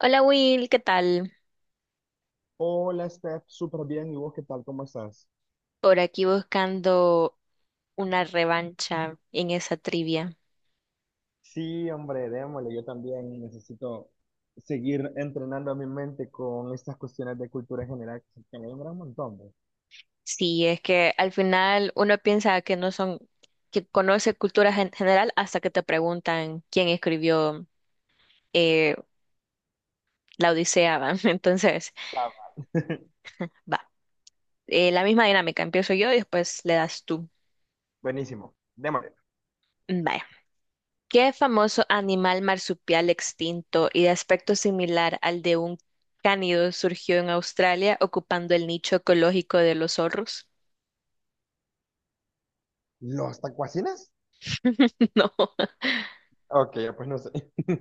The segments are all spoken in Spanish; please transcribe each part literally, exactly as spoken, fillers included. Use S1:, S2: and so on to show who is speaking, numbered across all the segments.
S1: Hola Will, ¿qué tal?
S2: Hola, Steph, súper bien. ¿Y vos qué tal? ¿Cómo estás?
S1: Por aquí buscando una revancha en esa trivia.
S2: Sí, hombre, démosle. Yo también necesito seguir entrenando a mi mente con estas cuestiones de cultura general que se- que me alumbran un montón. pues.
S1: Sí, es que al final uno piensa que no son, que conoce cultura gen- general hasta que te preguntan quién escribió eh, la Odisea, ¿va? Entonces, va. Eh, la misma dinámica, empiezo yo y después le das tú.
S2: Buenísimo. Démosle.
S1: Vaya. ¿Qué famoso animal marsupial extinto y de aspecto similar al de un cánido surgió en Australia ocupando el nicho ecológico de los zorros?
S2: ¿Los tacuacines?
S1: No,
S2: Ok, pues no sé.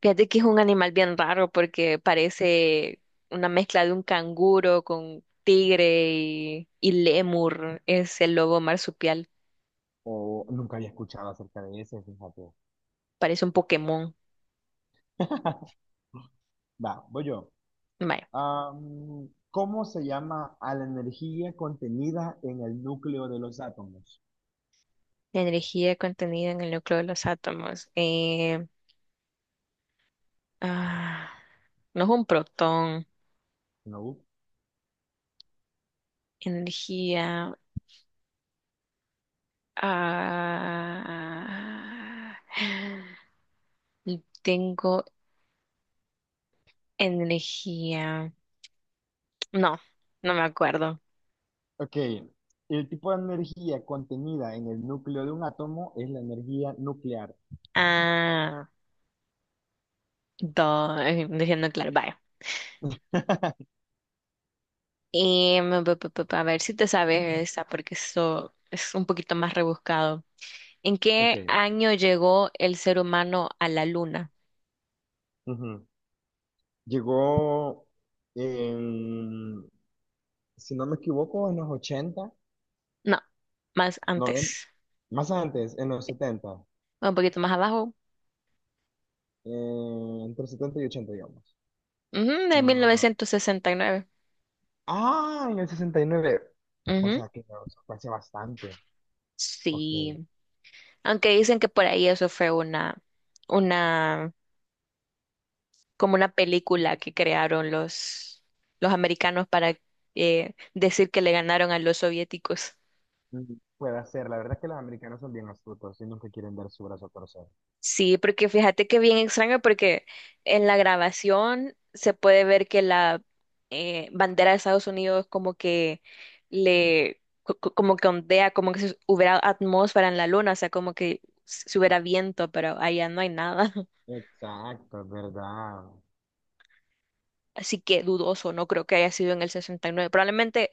S1: fíjate que es un animal bien raro porque parece una mezcla de un canguro con tigre y, y lémur. Es el lobo marsupial,
S2: O nunca había escuchado acerca de ese, fíjate.
S1: parece un Pokémon.
S2: Va, voy yo.
S1: Vaya,
S2: Am, ¿cómo se llama a la energía contenida en el núcleo de los átomos?
S1: la energía contenida en el núcleo de los átomos. Eh, ah, no es un protón.
S2: No.
S1: Energía. Ah, tengo energía. No, no me acuerdo.
S2: Ok, el tipo de energía contenida en el núcleo de un átomo es la energía nuclear.
S1: Ah. Dos, eh, diciendo claro, vaya. Y mm, pa, pa, pa, pa, a ver si te sabes esa, porque eso es un poquito más rebuscado. ¿En
S2: Ok,
S1: qué año llegó el ser humano a la luna?
S2: ujú. Llegó, en, si no me equivoco, en los ochenta,
S1: No, más
S2: noventa,
S1: antes.
S2: más antes, en los setenta,
S1: Un poquito más abajo.
S2: eh, entre setenta y ochenta digamos.
S1: Ujú, de
S2: Ah,
S1: mil novecientos sesenta y nueve.
S2: ah, en el sesenta y nueve. O
S1: Ujú,
S2: sea, que no, eso fue hace bastante. Ok.
S1: sí. Aunque dicen que por ahí eso fue una, una, como una película que crearon los, los americanos para eh, decir que le ganaron a los soviéticos.
S2: Mm, puede ser. La verdad es que los americanos son bien astutos y nunca quieren dar su brazo a torcer.
S1: Sí, porque fíjate que bien extraño porque en la grabación se puede ver que la eh, bandera de Estados Unidos como que le co- co- como que ondea, como que si hubiera atmósfera en la luna, o sea, como que si si hubiera viento, pero allá no hay nada.
S2: Exacto, es ¿verdad?
S1: Así que dudoso, no creo que haya sido en el sesenta y nueve. Probablemente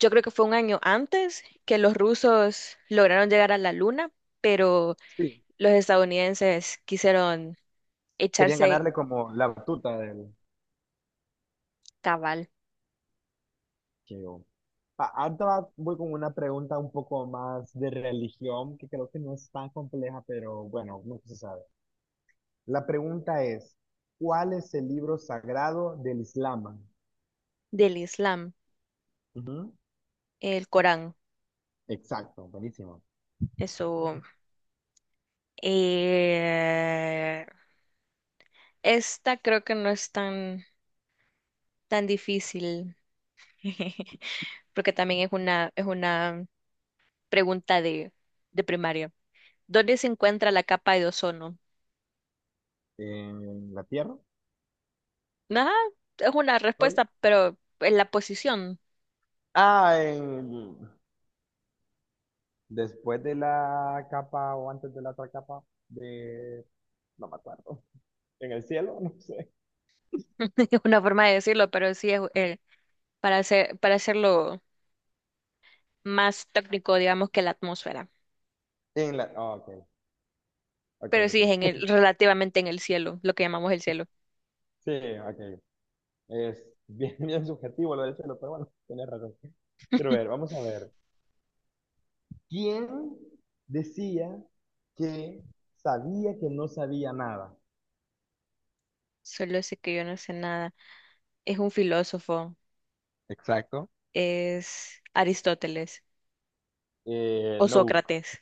S1: yo creo que fue un año antes que los rusos lograron llegar a la luna, pero
S2: Sí.
S1: los estadounidenses quisieron
S2: Querían
S1: echarse
S2: ganarle como la batuta del
S1: cabal.
S2: Cheo. Ah, Ahorita voy con una pregunta un poco más de religión, que creo que no es tan compleja, pero bueno, nunca se sabe. La pregunta es, ¿cuál es el libro sagrado del Islam?
S1: Del Islam,
S2: Ujú.
S1: el Corán.
S2: Exacto, buenísimo.
S1: Eso. eh, esta creo que no es tan, tan difícil, porque también es una, es una pregunta de, de primaria. ¿Dónde se encuentra la capa de ozono?
S2: ¿En la tierra?
S1: Ajá, es una
S2: Sorry.
S1: respuesta, pero en la posición.
S2: Ah, en... después de la capa o antes de la otra capa de... No me acuerdo. ¿En el cielo? No sé.
S1: Es una forma de decirlo, pero sí es, eh, para hacer, para hacerlo más técnico, digamos, que la atmósfera.
S2: En la... ah, ok, ok,
S1: Pero sí es en
S2: ok.
S1: el, relativamente en el cielo, lo que llamamos el cielo.
S2: Sí, ok. Es bien, bien subjetivo lo del chelo, pero bueno, tienes razón. Quiero ver, vamos a ver. ¿Quién decía que sabía que no sabía nada?
S1: Solo sé que yo no sé nada. Es un filósofo,
S2: Exacto.
S1: es Aristóteles
S2: Eh,
S1: o
S2: no.
S1: Sócrates.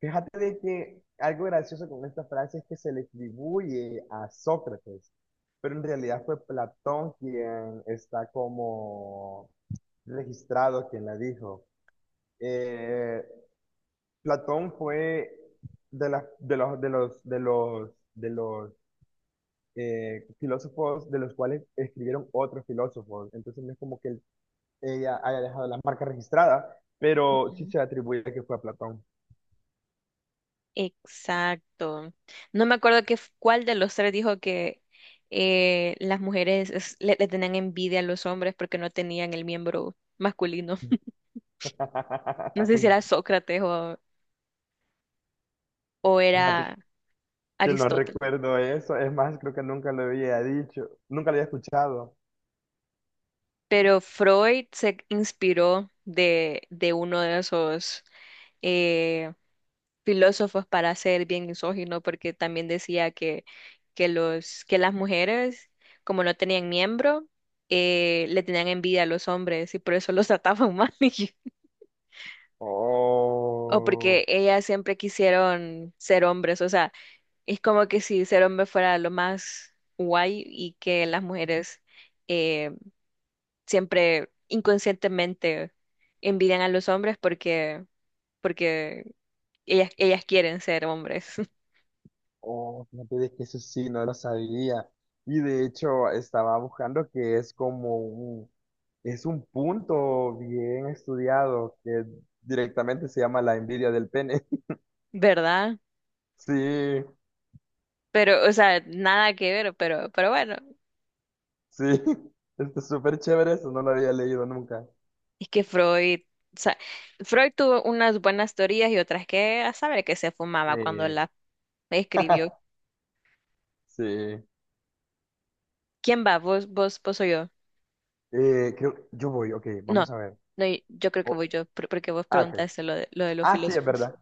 S2: Fíjate de que algo gracioso con esta frase es que se le atribuye a Sócrates, pero en realidad fue Platón quien está como registrado quien la dijo. Eh, Platón fue de, las de los, de los, de los, de los eh, filósofos de los cuales escribieron otros filósofos. Entonces no es como que él- ella haya dejado la marca registrada, pero sí
S1: Ujú.
S2: se atribuye que fue a Platón.
S1: Exacto. No me acuerdo qué, f- cuál de los tres dijo que eh, las mujeres es- le, le tenían envidia a los hombres porque no tenían el miembro masculino. No sé si era Sócrates o, o
S2: Fíjate
S1: era
S2: que no
S1: Aristóteles.
S2: recuerdo eso. Es más, creo que nunca lo había dicho. Nunca lo había escuchado.
S1: Pero Freud se inspiró de, de uno de esos eh, filósofos para ser bien misógino, porque también decía que, que, los, que las mujeres, como no tenían miembro, eh, le tenían envidia a los hombres y por eso los trataban mal. y- O porque
S2: Oh.
S1: ellas siempre quisieron ser hombres. O sea, es como que si ser hombre fuera lo más guay y que las mujeres eh, siempre inconscientemente envidian a los hombres porque, porque ellas, ellas quieren ser hombres,
S2: Oh, fíjate de que eso sí, no lo sabía. Y de hecho, estaba buscando que es como un, es un punto bien estudiado que directamente se llama la envidia del pene.
S1: ¿verdad?
S2: Sí,
S1: Pero, o sea, nada que ver, pero, pero bueno,
S2: sí, está súper chévere eso, no lo había leído nunca.
S1: es que Freud, o sea, Freud tuvo unas buenas teorías y otras que a saber que se fumaba cuando
S2: Sí.
S1: la escribió.
S2: Sí.
S1: ¿Quién va? ¿Vos, vos, vos o yo?
S2: Eh, creo- yo voy, ok,
S1: No,
S2: vamos a ver.
S1: no, y- yo creo que
S2: Oh,
S1: voy yo, por- porque vos
S2: ah, ok.
S1: preguntaste lo de, lo de los
S2: Ah, sí, es
S1: filósofos.
S2: verdad.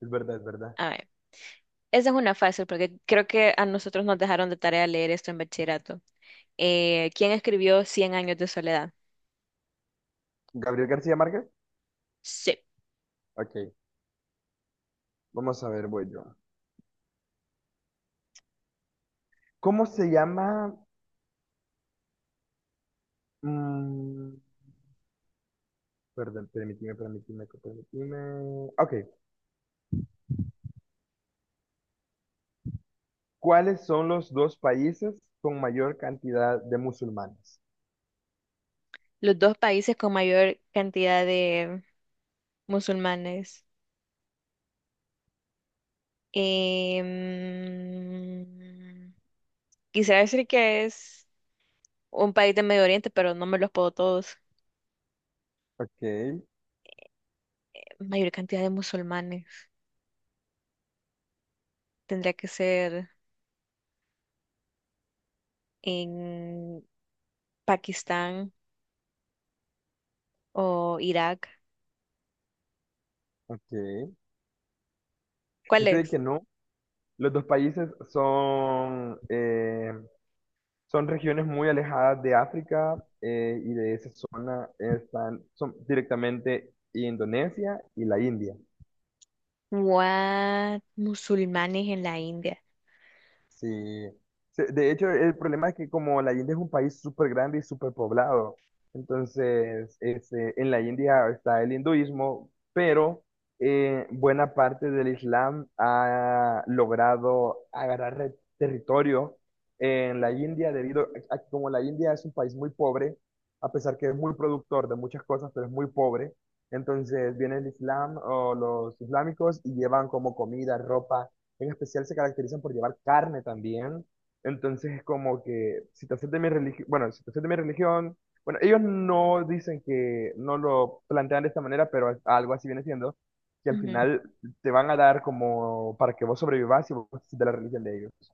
S2: Es verdad, es verdad.
S1: A ver, esa es una fácil, porque creo que a nosotros nos dejaron de tarea leer esto en bachillerato. Eh, ¿quién escribió Cien años de soledad?
S2: ¿Gabriel García Márquez?
S1: Sí,
S2: Ok, vamos a ver, voy yo. ¿Cómo se llama? Mm, perdón, permitime, permitime, permitime. Ok, ¿cuáles son los dos países con mayor cantidad de musulmanes?
S1: los dos países con mayor cantidad de musulmanes. Em, quisiera decir que es un país de Medio Oriente, pero no me los puedo todos.
S2: Ok,
S1: Mayor cantidad de musulmanes. Tendría que ser en Pakistán o Irak.
S2: ok.
S1: ¿Cuál
S2: Fíjate de
S1: es?
S2: que no, los dos países son, eh, son regiones muy alejadas de África eh, y de esa zona están, son directamente Indonesia y la India.
S1: What? Musulmanes en la India.
S2: Sí, Se- de hecho el problema es que como la India es un país súper grande y súper poblado, entonces este, en la India está el hinduismo, pero eh, buena parte del Islam ha logrado agarrar re- territorio en la India debido a que como la India es un país muy pobre, a pesar que es muy productor de muchas cosas, pero es muy pobre, entonces viene el Islam o los islámicos y llevan como comida, ropa en especial se caracterizan por llevar carne también. Entonces es como que si te haces de mi religión, bueno, si te haces de mi religión, bueno, ellos no dicen que no lo plantean de esta manera, pero es- algo así viene siendo, que al
S1: Ujú.
S2: final te van a dar como para que vos sobrevivas y vos te haces de la religión de ellos.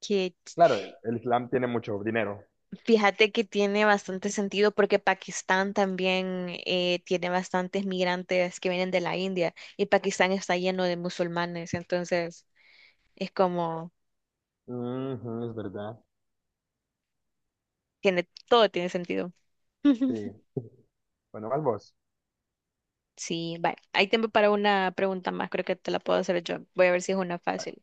S1: Qué ch-
S2: Claro, el Islam tiene mucho dinero.
S1: Fíjate que tiene bastante sentido porque Pakistán también, eh, tiene bastantes migrantes que vienen de la India y Pakistán está lleno de musulmanes, entonces es como,
S2: Ujú, es verdad.
S1: tiene, todo tiene sentido.
S2: Sí. Bueno, vas vos.
S1: Sí, vale. Hay tiempo para una pregunta más, creo que te la puedo hacer yo. Voy a ver si es una fácil.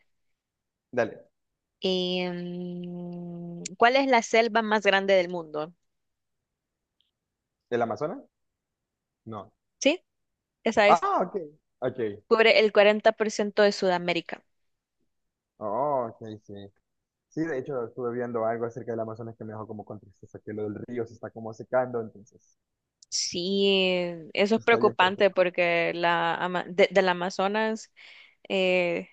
S2: Dale.
S1: Em, ¿cuál es la selva más grande del mundo?
S2: ¿El Amazonas? No.
S1: Sí, esa es.
S2: Ah, ok. Ok.
S1: Cubre el cuarenta por ciento de Sudamérica.
S2: Oh, ok, sí. Sí, de hecho, estuve viendo algo acerca del Amazonas que me dejó como con tristeza, que lo del río se está como secando, entonces
S1: Sí, eso es
S2: está bien
S1: preocupante
S2: perfecto.
S1: porque la, ama- de- del Amazonas eh,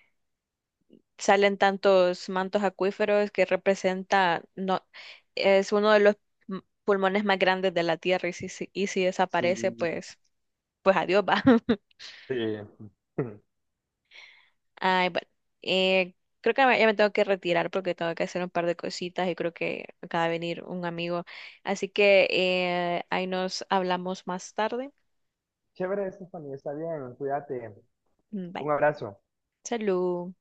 S1: salen tantos mantos acuíferos que representa, no, es uno de los m- pulmones más grandes de la Tierra y si, si- y si
S2: Sí,
S1: desaparece, pues, pues adiós va.
S2: sí.
S1: Ay, bueno, eh, creo que ya me tengo que retirar porque tengo que hacer un par de cositas y creo que acaba de venir un amigo. Así que, eh, ahí nos hablamos más tarde.
S2: Chévere, Stephanie, está bien, cuídate.
S1: Mm, bye.
S2: Un abrazo.
S1: Salud.